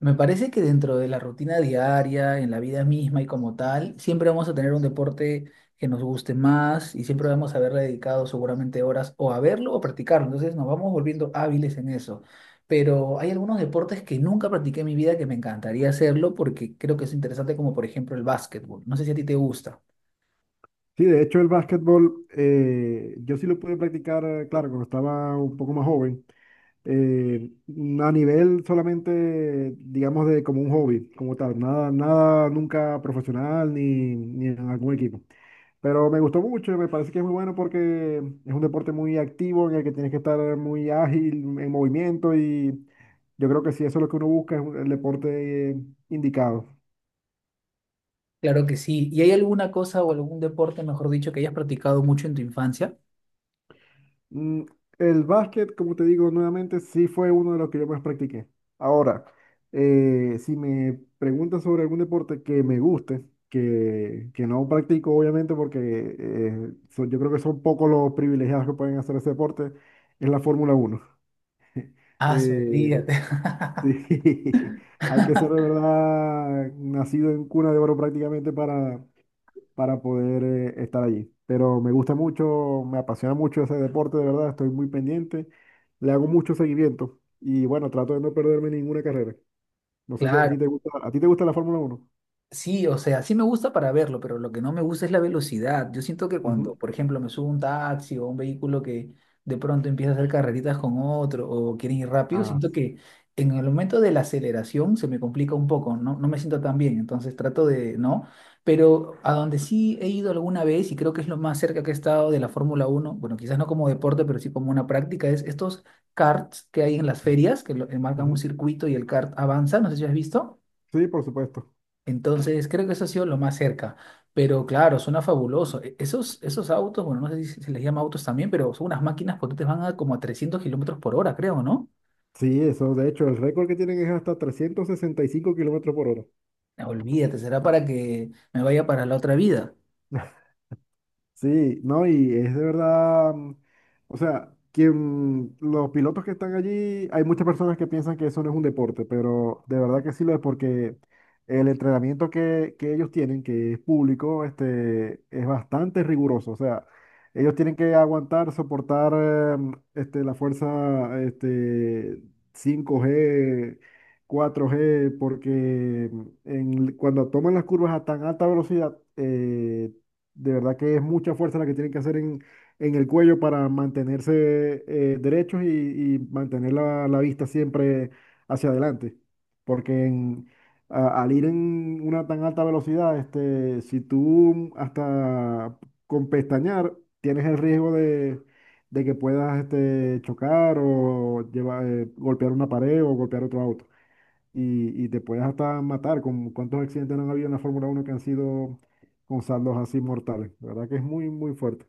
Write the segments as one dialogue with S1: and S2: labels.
S1: Me parece que dentro de la rutina diaria, en la vida misma y como tal, siempre vamos a tener un deporte que nos guste más y siempre vamos a haberle dedicado seguramente horas o a verlo o practicarlo. Entonces nos vamos volviendo hábiles en eso. Pero hay algunos deportes que nunca practiqué en mi vida que me encantaría hacerlo porque creo que es interesante, como por ejemplo el básquetbol. No sé si a ti te gusta.
S2: Sí, de hecho el básquetbol, yo sí lo pude practicar, claro, cuando estaba un poco más joven, eh, a nivel solamente, digamos, de como un hobby, como tal, nada, nada nunca profesional ni en algún equipo. Pero me gustó mucho, me parece que es muy bueno porque es un deporte muy activo en el que tienes que estar muy ágil, en movimiento, y yo creo que si eso es lo que uno busca, es el deporte indicado.
S1: Claro que sí. ¿Y hay alguna cosa o algún deporte, mejor dicho, que hayas practicado mucho en tu infancia?
S2: Mm, El básquet, como te digo nuevamente, sí fue uno de los que yo más practiqué. Ahora, si me preguntas sobre algún deporte que me guste, que no practico obviamente porque yo creo que son pocos los privilegiados que pueden hacer ese deporte, es la Fórmula uno.
S1: Ah,
S2: Eh,
S1: olvídate.
S2: sí, hay que ser de verdad nacido en cuna de oro prácticamente para poder estar allí. Pero me gusta mucho, me apasiona mucho ese deporte, de verdad, estoy muy pendiente, le hago mucho seguimiento y bueno, trato de no perderme ninguna carrera. No sé si a ti te
S1: Claro.
S2: gusta, ¿a ti te gusta la Fórmula Uno?
S1: Sí, o sea, sí me gusta para verlo, pero lo que no me gusta es la velocidad. Yo siento que cuando,
S2: Ujú.
S1: por ejemplo, me subo a un taxi o a un vehículo que de pronto empieza a hacer carreritas con otro o quieren ir rápido,
S2: Ah,
S1: siento que en el momento de la aceleración se me complica un poco, no, no me siento tan bien, entonces trato de, ¿no? Pero a donde sí he ido alguna vez y creo que es lo más cerca que he estado de la Fórmula uno, bueno, quizás no como deporte, pero sí como una práctica, es estos karts que hay en las ferias, que enmarcan un
S2: ujú.
S1: circuito y el kart avanza, no sé si has visto.
S2: Sí, por supuesto.
S1: Entonces, creo que eso ha sido lo más cerca. Pero claro, suena fabuloso. Esos, esos autos, bueno, no sé si se les llama autos también, pero son unas máquinas potentes, van a como a 300 kilómetros por hora, creo, ¿no?
S2: Sí, eso, de hecho, el récord que tienen es hasta 365 kilómetros por hora.
S1: Ah, olvídate, será para que me vaya para la otra vida.
S2: Sí, no, y es de verdad, o sea, quien, los pilotos que están allí, hay muchas personas que piensan que eso no es un deporte, pero de verdad que sí lo es porque el entrenamiento que ellos tienen, que es público, es bastante riguroso, o sea, ellos tienen que aguantar, soportar, la fuerza, 5 g, 4 g, porque cuando toman las curvas a tan alta velocidad, de verdad que es mucha fuerza la que tienen que hacer en el cuello para mantenerse derechos y mantener la vista siempre hacia adelante. Porque al ir en una tan alta velocidad, si tú hasta con pestañear tienes el riesgo de, de que puedas chocar o llevar, golpear una pared o golpear otro auto, y te puedes hasta matar. ¡Con cuántos accidentes no han habido en la Fórmula Uno que han sido con saldos así mortales! La verdad que es muy, muy fuerte.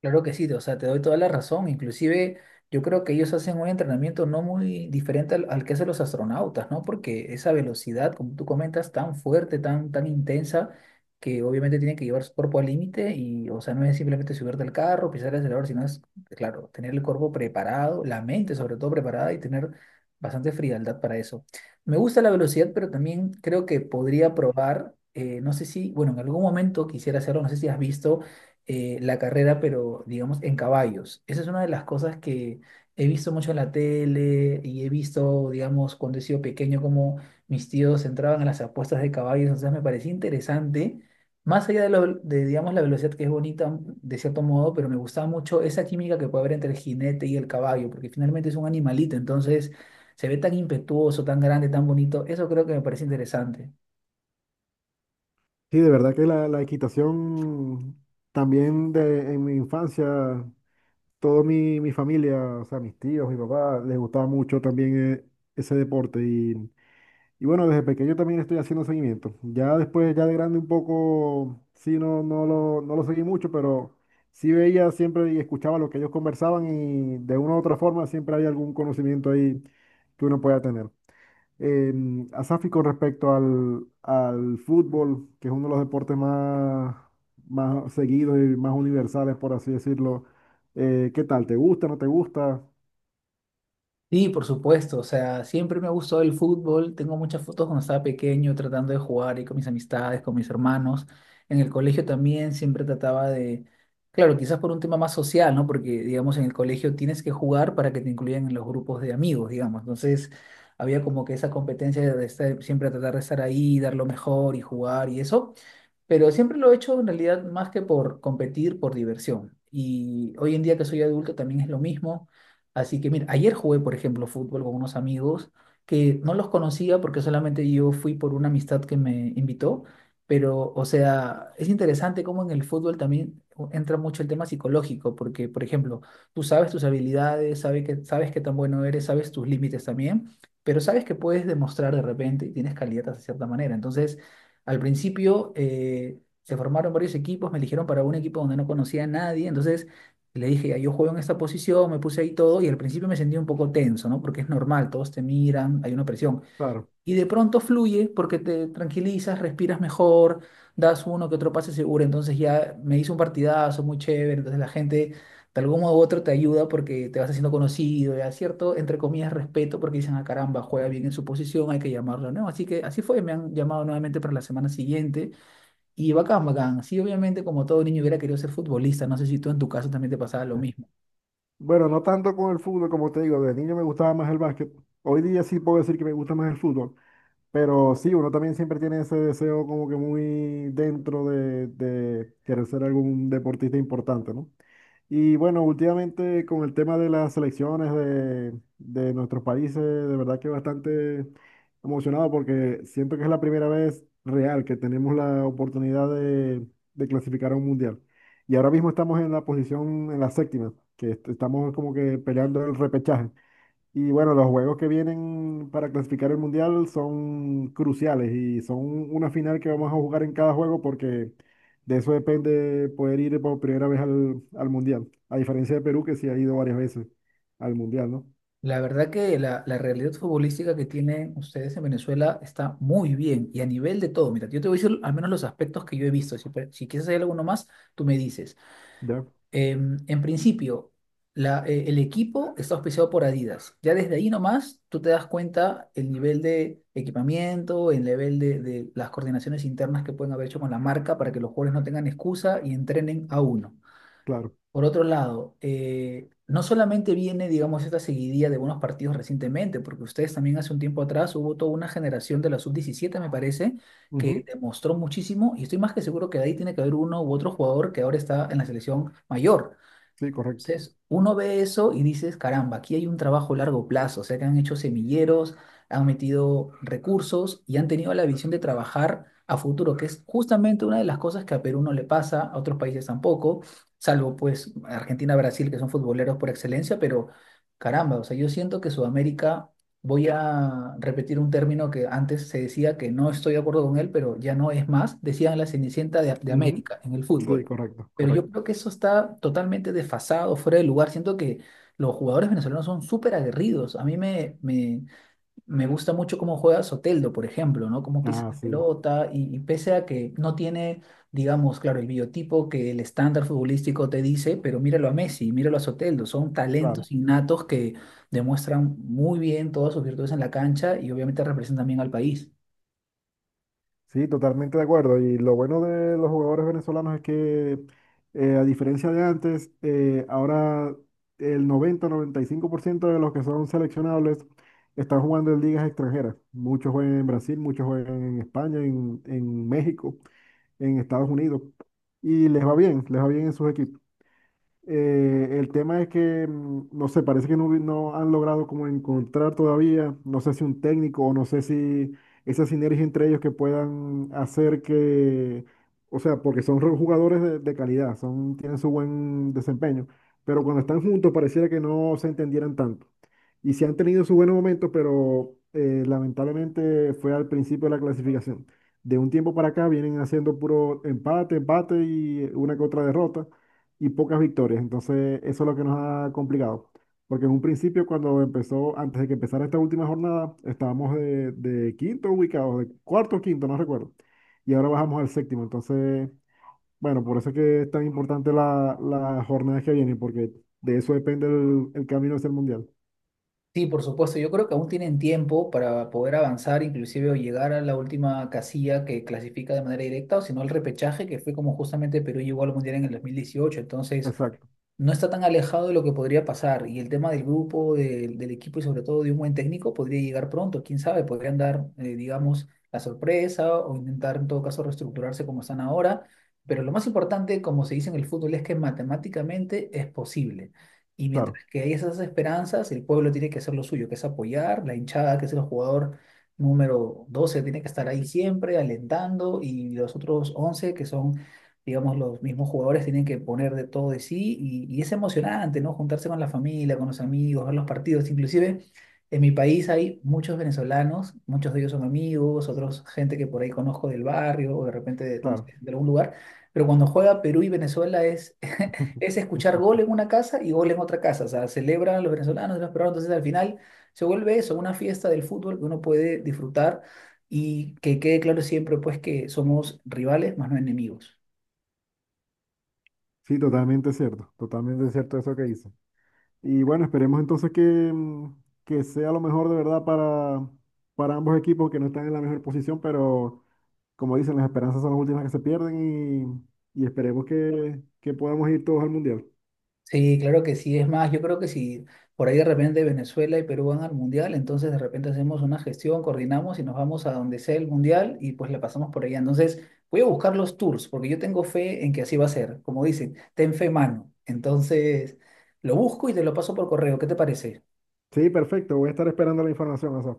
S1: Claro que sí, o sea, te doy toda la razón. Inclusive yo creo que ellos hacen un entrenamiento no muy diferente al que hacen los astronautas, ¿no? Porque esa velocidad, como tú comentas, tan fuerte, tan intensa, que obviamente tienen que llevar su cuerpo al límite y, o sea, no es simplemente subirte al carro, pisar el acelerador, sino es, claro, tener el cuerpo preparado, la mente sobre todo preparada y tener bastante frialdad para eso. Me gusta la velocidad, pero también creo que podría probar, no sé si, bueno, en algún momento quisiera hacerlo, no sé si has visto la carrera, pero digamos en caballos. Esa es una de las cosas que he visto mucho en la tele y he visto, digamos, cuando he sido pequeño, como mis tíos entraban a las apuestas de caballos. Entonces me parecía interesante, más allá de, lo, de, digamos, la velocidad que es bonita de cierto modo, pero me gustaba mucho esa química que puede haber entre el jinete y el caballo, porque finalmente es un animalito, entonces se ve tan impetuoso, tan grande, tan bonito. Eso creo que me parece interesante.
S2: Sí, de verdad que la equitación también en mi infancia, toda mi familia, o sea, mis tíos, mi papá, les gustaba mucho también ese deporte. Y bueno, desde pequeño también estoy haciendo seguimiento. Ya después, ya de grande un poco, sí, no, no lo seguí mucho, pero sí veía siempre y escuchaba lo que ellos conversaban, y de una u otra forma siempre hay algún conocimiento ahí que uno pueda tener. Asafi, con respecto al fútbol, que es uno de los deportes más seguidos y más universales, por así decirlo, ¿qué tal? ¿Te gusta? ¿No te gusta?
S1: Sí, por supuesto, o sea, siempre me ha gustado el fútbol, tengo muchas fotos cuando estaba pequeño tratando de jugar y con mis amistades, con mis hermanos, en el colegio también siempre trataba de, claro, quizás por un tema más social, ¿no? Porque, digamos, en el colegio tienes que jugar para que te incluyan en los grupos de amigos, digamos, entonces había como que esa competencia de siempre tratar de estar ahí, dar lo mejor y jugar y eso. Pero siempre lo he hecho en realidad más que por competir, por diversión. Y hoy en día que soy adulto también es lo mismo. Así que mira, ayer jugué, por ejemplo, fútbol con unos amigos que no los conocía porque solamente yo fui por una amistad que me invitó. Pero, o sea, es interesante cómo en el fútbol también entra mucho el tema psicológico, porque, por ejemplo, tú sabes tus habilidades, sabes qué tan bueno eres, sabes tus límites también, pero sabes que puedes demostrar de repente y tienes calidad de cierta manera. Entonces, al principio se formaron varios equipos, me eligieron para un equipo donde no conocía a nadie, entonces le dije, "Ya, yo juego en esta posición", me puse ahí todo y al principio me sentí un poco tenso, ¿no? Porque es normal, todos te miran, hay una presión
S2: Claro.
S1: y de pronto fluye porque te tranquilizas, respiras mejor, das uno que otro pase seguro. Entonces ya me hizo un partidazo muy chévere. Entonces la gente de algún modo u otro te ayuda porque te vas haciendo conocido, ya cierto, entre comillas, respeto porque dicen, ah, caramba, juega bien en su posición, hay que llamarlo, ¿no? Así que así fue, me han llamado nuevamente para la semana siguiente y bacán, bacán. Sí, obviamente, como todo niño hubiera querido ser futbolista, no sé si tú en tu caso también te pasaba lo mismo.
S2: Bueno, no tanto con el fútbol, como te digo, de niño me gustaba más el básquet. Hoy día sí puedo decir que me gusta más el fútbol, pero sí, uno también siempre tiene ese deseo como que muy dentro de querer ser algún deportista importante, ¿no? Y bueno, últimamente con el tema de las selecciones de, nuestros países, de verdad que bastante emocionado porque siento que es la primera vez real que tenemos la oportunidad de clasificar a un mundial. Y ahora mismo estamos en la posición, en la séptima, que estamos como que peleando el repechaje. Y bueno, los juegos que vienen para clasificar el mundial son cruciales y son una final que vamos a jugar en cada juego, porque de eso depende poder ir por primera vez al mundial. A diferencia de Perú, que sí ha ido varias veces al mundial, ¿no?
S1: La verdad que la realidad futbolística que tienen ustedes en Venezuela está muy bien y a nivel de todo. Mira, yo te voy a decir al menos los aspectos que yo he visto. Si, si quieres hacer alguno más, tú me dices.
S2: Ya,
S1: Em, en principio, el equipo está auspiciado por Adidas. Ya desde ahí nomás tú te das cuenta el nivel de equipamiento, el nivel de las coordinaciones internas que pueden haber hecho con la marca para que los jugadores no tengan excusa y entrenen a uno.
S2: claro.
S1: Por otro lado, no solamente viene, digamos, esta seguidilla de buenos partidos recientemente, porque ustedes también hace un tiempo atrás hubo toda una generación de la sub 17, me parece, que
S2: Ujú.
S1: demostró muchísimo, y estoy más que seguro que de ahí tiene que haber uno u otro jugador que ahora está en la selección mayor.
S2: Sí, correcto.
S1: Entonces, uno ve eso y dices, caramba, aquí hay un trabajo a largo plazo, o sea que han hecho semilleros, han metido recursos y han tenido la visión de trabajar a futuro, que es justamente una de las cosas que a Perú no le pasa, a otros países tampoco, salvo pues Argentina, Brasil, que son futboleros por excelencia, pero caramba, o sea, yo siento que Sudamérica, voy a repetir un término que antes se decía que no estoy de acuerdo con él, pero ya no es más, decían la Cenicienta de
S2: Ujú.
S1: América en el
S2: Sí,
S1: fútbol.
S2: correcto,
S1: Pero yo
S2: correcto.
S1: creo que eso está totalmente desfasado, fuera de lugar. Siento que los jugadores venezolanos son súper aguerridos. A mí me gusta mucho cómo juega Soteldo, por ejemplo, ¿no? Cómo pisa
S2: Ah,
S1: la
S2: sí,
S1: pelota y pese a que no tiene, digamos, claro, el biotipo que el estándar futbolístico te dice, pero míralo a Messi, míralo a Soteldo. Son
S2: claro.
S1: talentos innatos que demuestran muy bien todas sus virtudes en la cancha y obviamente representan bien al país.
S2: Sí, totalmente de acuerdo. Y lo bueno de los jugadores venezolanos es que, a diferencia de antes, ahora el 90, 95% de los que son seleccionables están jugando en ligas extranjeras. Muchos juegan en Brasil, muchos juegan en España, en México, en Estados Unidos. Y les va bien en sus equipos. El tema es que, no sé, parece que no, no han logrado como encontrar todavía, no sé si un técnico o no sé si esa sinergia entre ellos, que puedan hacer que, o sea, porque son jugadores de, calidad, son, tienen su buen desempeño, pero cuando están juntos pareciera que no se entendieran tanto. Y sí han tenido sus buenos momentos, pero lamentablemente fue al principio de la clasificación. De un tiempo para acá vienen haciendo puro empate, empate, y una que otra derrota y pocas victorias. Entonces, eso es lo que nos ha complicado. Porque en un principio, cuando empezó, antes de que empezara esta última jornada, estábamos de, quinto ubicados, de cuarto o quinto, no recuerdo. Y ahora bajamos al séptimo. Entonces, bueno, por eso es que es tan importante la jornada que viene, porque de eso depende el camino hacia el mundial.
S1: Sí, por supuesto. Yo creo que aún tienen tiempo para poder avanzar, inclusive o llegar a la última casilla que clasifica de manera directa, o si no al repechaje, que fue como justamente Perú llegó al Mundial en el 2018. Entonces,
S2: Exacto,
S1: no está tan alejado de lo que podría pasar. Y el tema del grupo, del equipo y sobre todo de un buen técnico podría llegar pronto. Quién sabe, podrían dar, digamos, la sorpresa o intentar en todo caso reestructurarse como están ahora. Pero lo más importante, como se dice en el fútbol, es que matemáticamente es posible. Y
S2: claro,
S1: mientras que hay esas esperanzas, el pueblo tiene que hacer lo suyo, que es apoyar, la hinchada, que es el jugador número 12 tiene que estar ahí siempre, alentando, y los otros 11 que son, digamos, los mismos jugadores tienen que poner de todo de sí y es emocionante, ¿no? Juntarse con la familia, con los amigos, ver los partidos. Inclusive en mi país hay muchos venezolanos, muchos de ellos son amigos, otros gente que por ahí conozco del barrio o de repente de, no sé,
S2: claro.
S1: de algún lugar, pero cuando juega Perú y Venezuela es, es escuchar gol en una casa y gol en otra casa, o sea, celebran los venezolanos, y los peruanos, entonces al final se vuelve eso, una fiesta del fútbol que uno puede disfrutar. Y que quede claro siempre, pues, que somos rivales, más no enemigos.
S2: Sí, totalmente cierto eso que dice. Y bueno, esperemos entonces que, mm, que sea lo mejor de verdad para, ambos equipos, que no están en la mejor posición, pero como dicen, las esperanzas son las últimas que se pierden, y esperemos que, podamos ir todos al Mundial.
S1: Sí, claro que sí. Es más, yo creo que si por ahí de repente Venezuela y Perú van al mundial, entonces de repente hacemos una gestión, coordinamos y nos vamos a donde sea el mundial y pues la pasamos por allá. Entonces voy a buscar los tours porque yo tengo fe en que así va a ser. Como dicen, ten fe, mano. Entonces lo busco y te lo paso por correo. ¿Qué te parece?
S2: Sí, perfecto, voy a estar esperando la información, Asaf.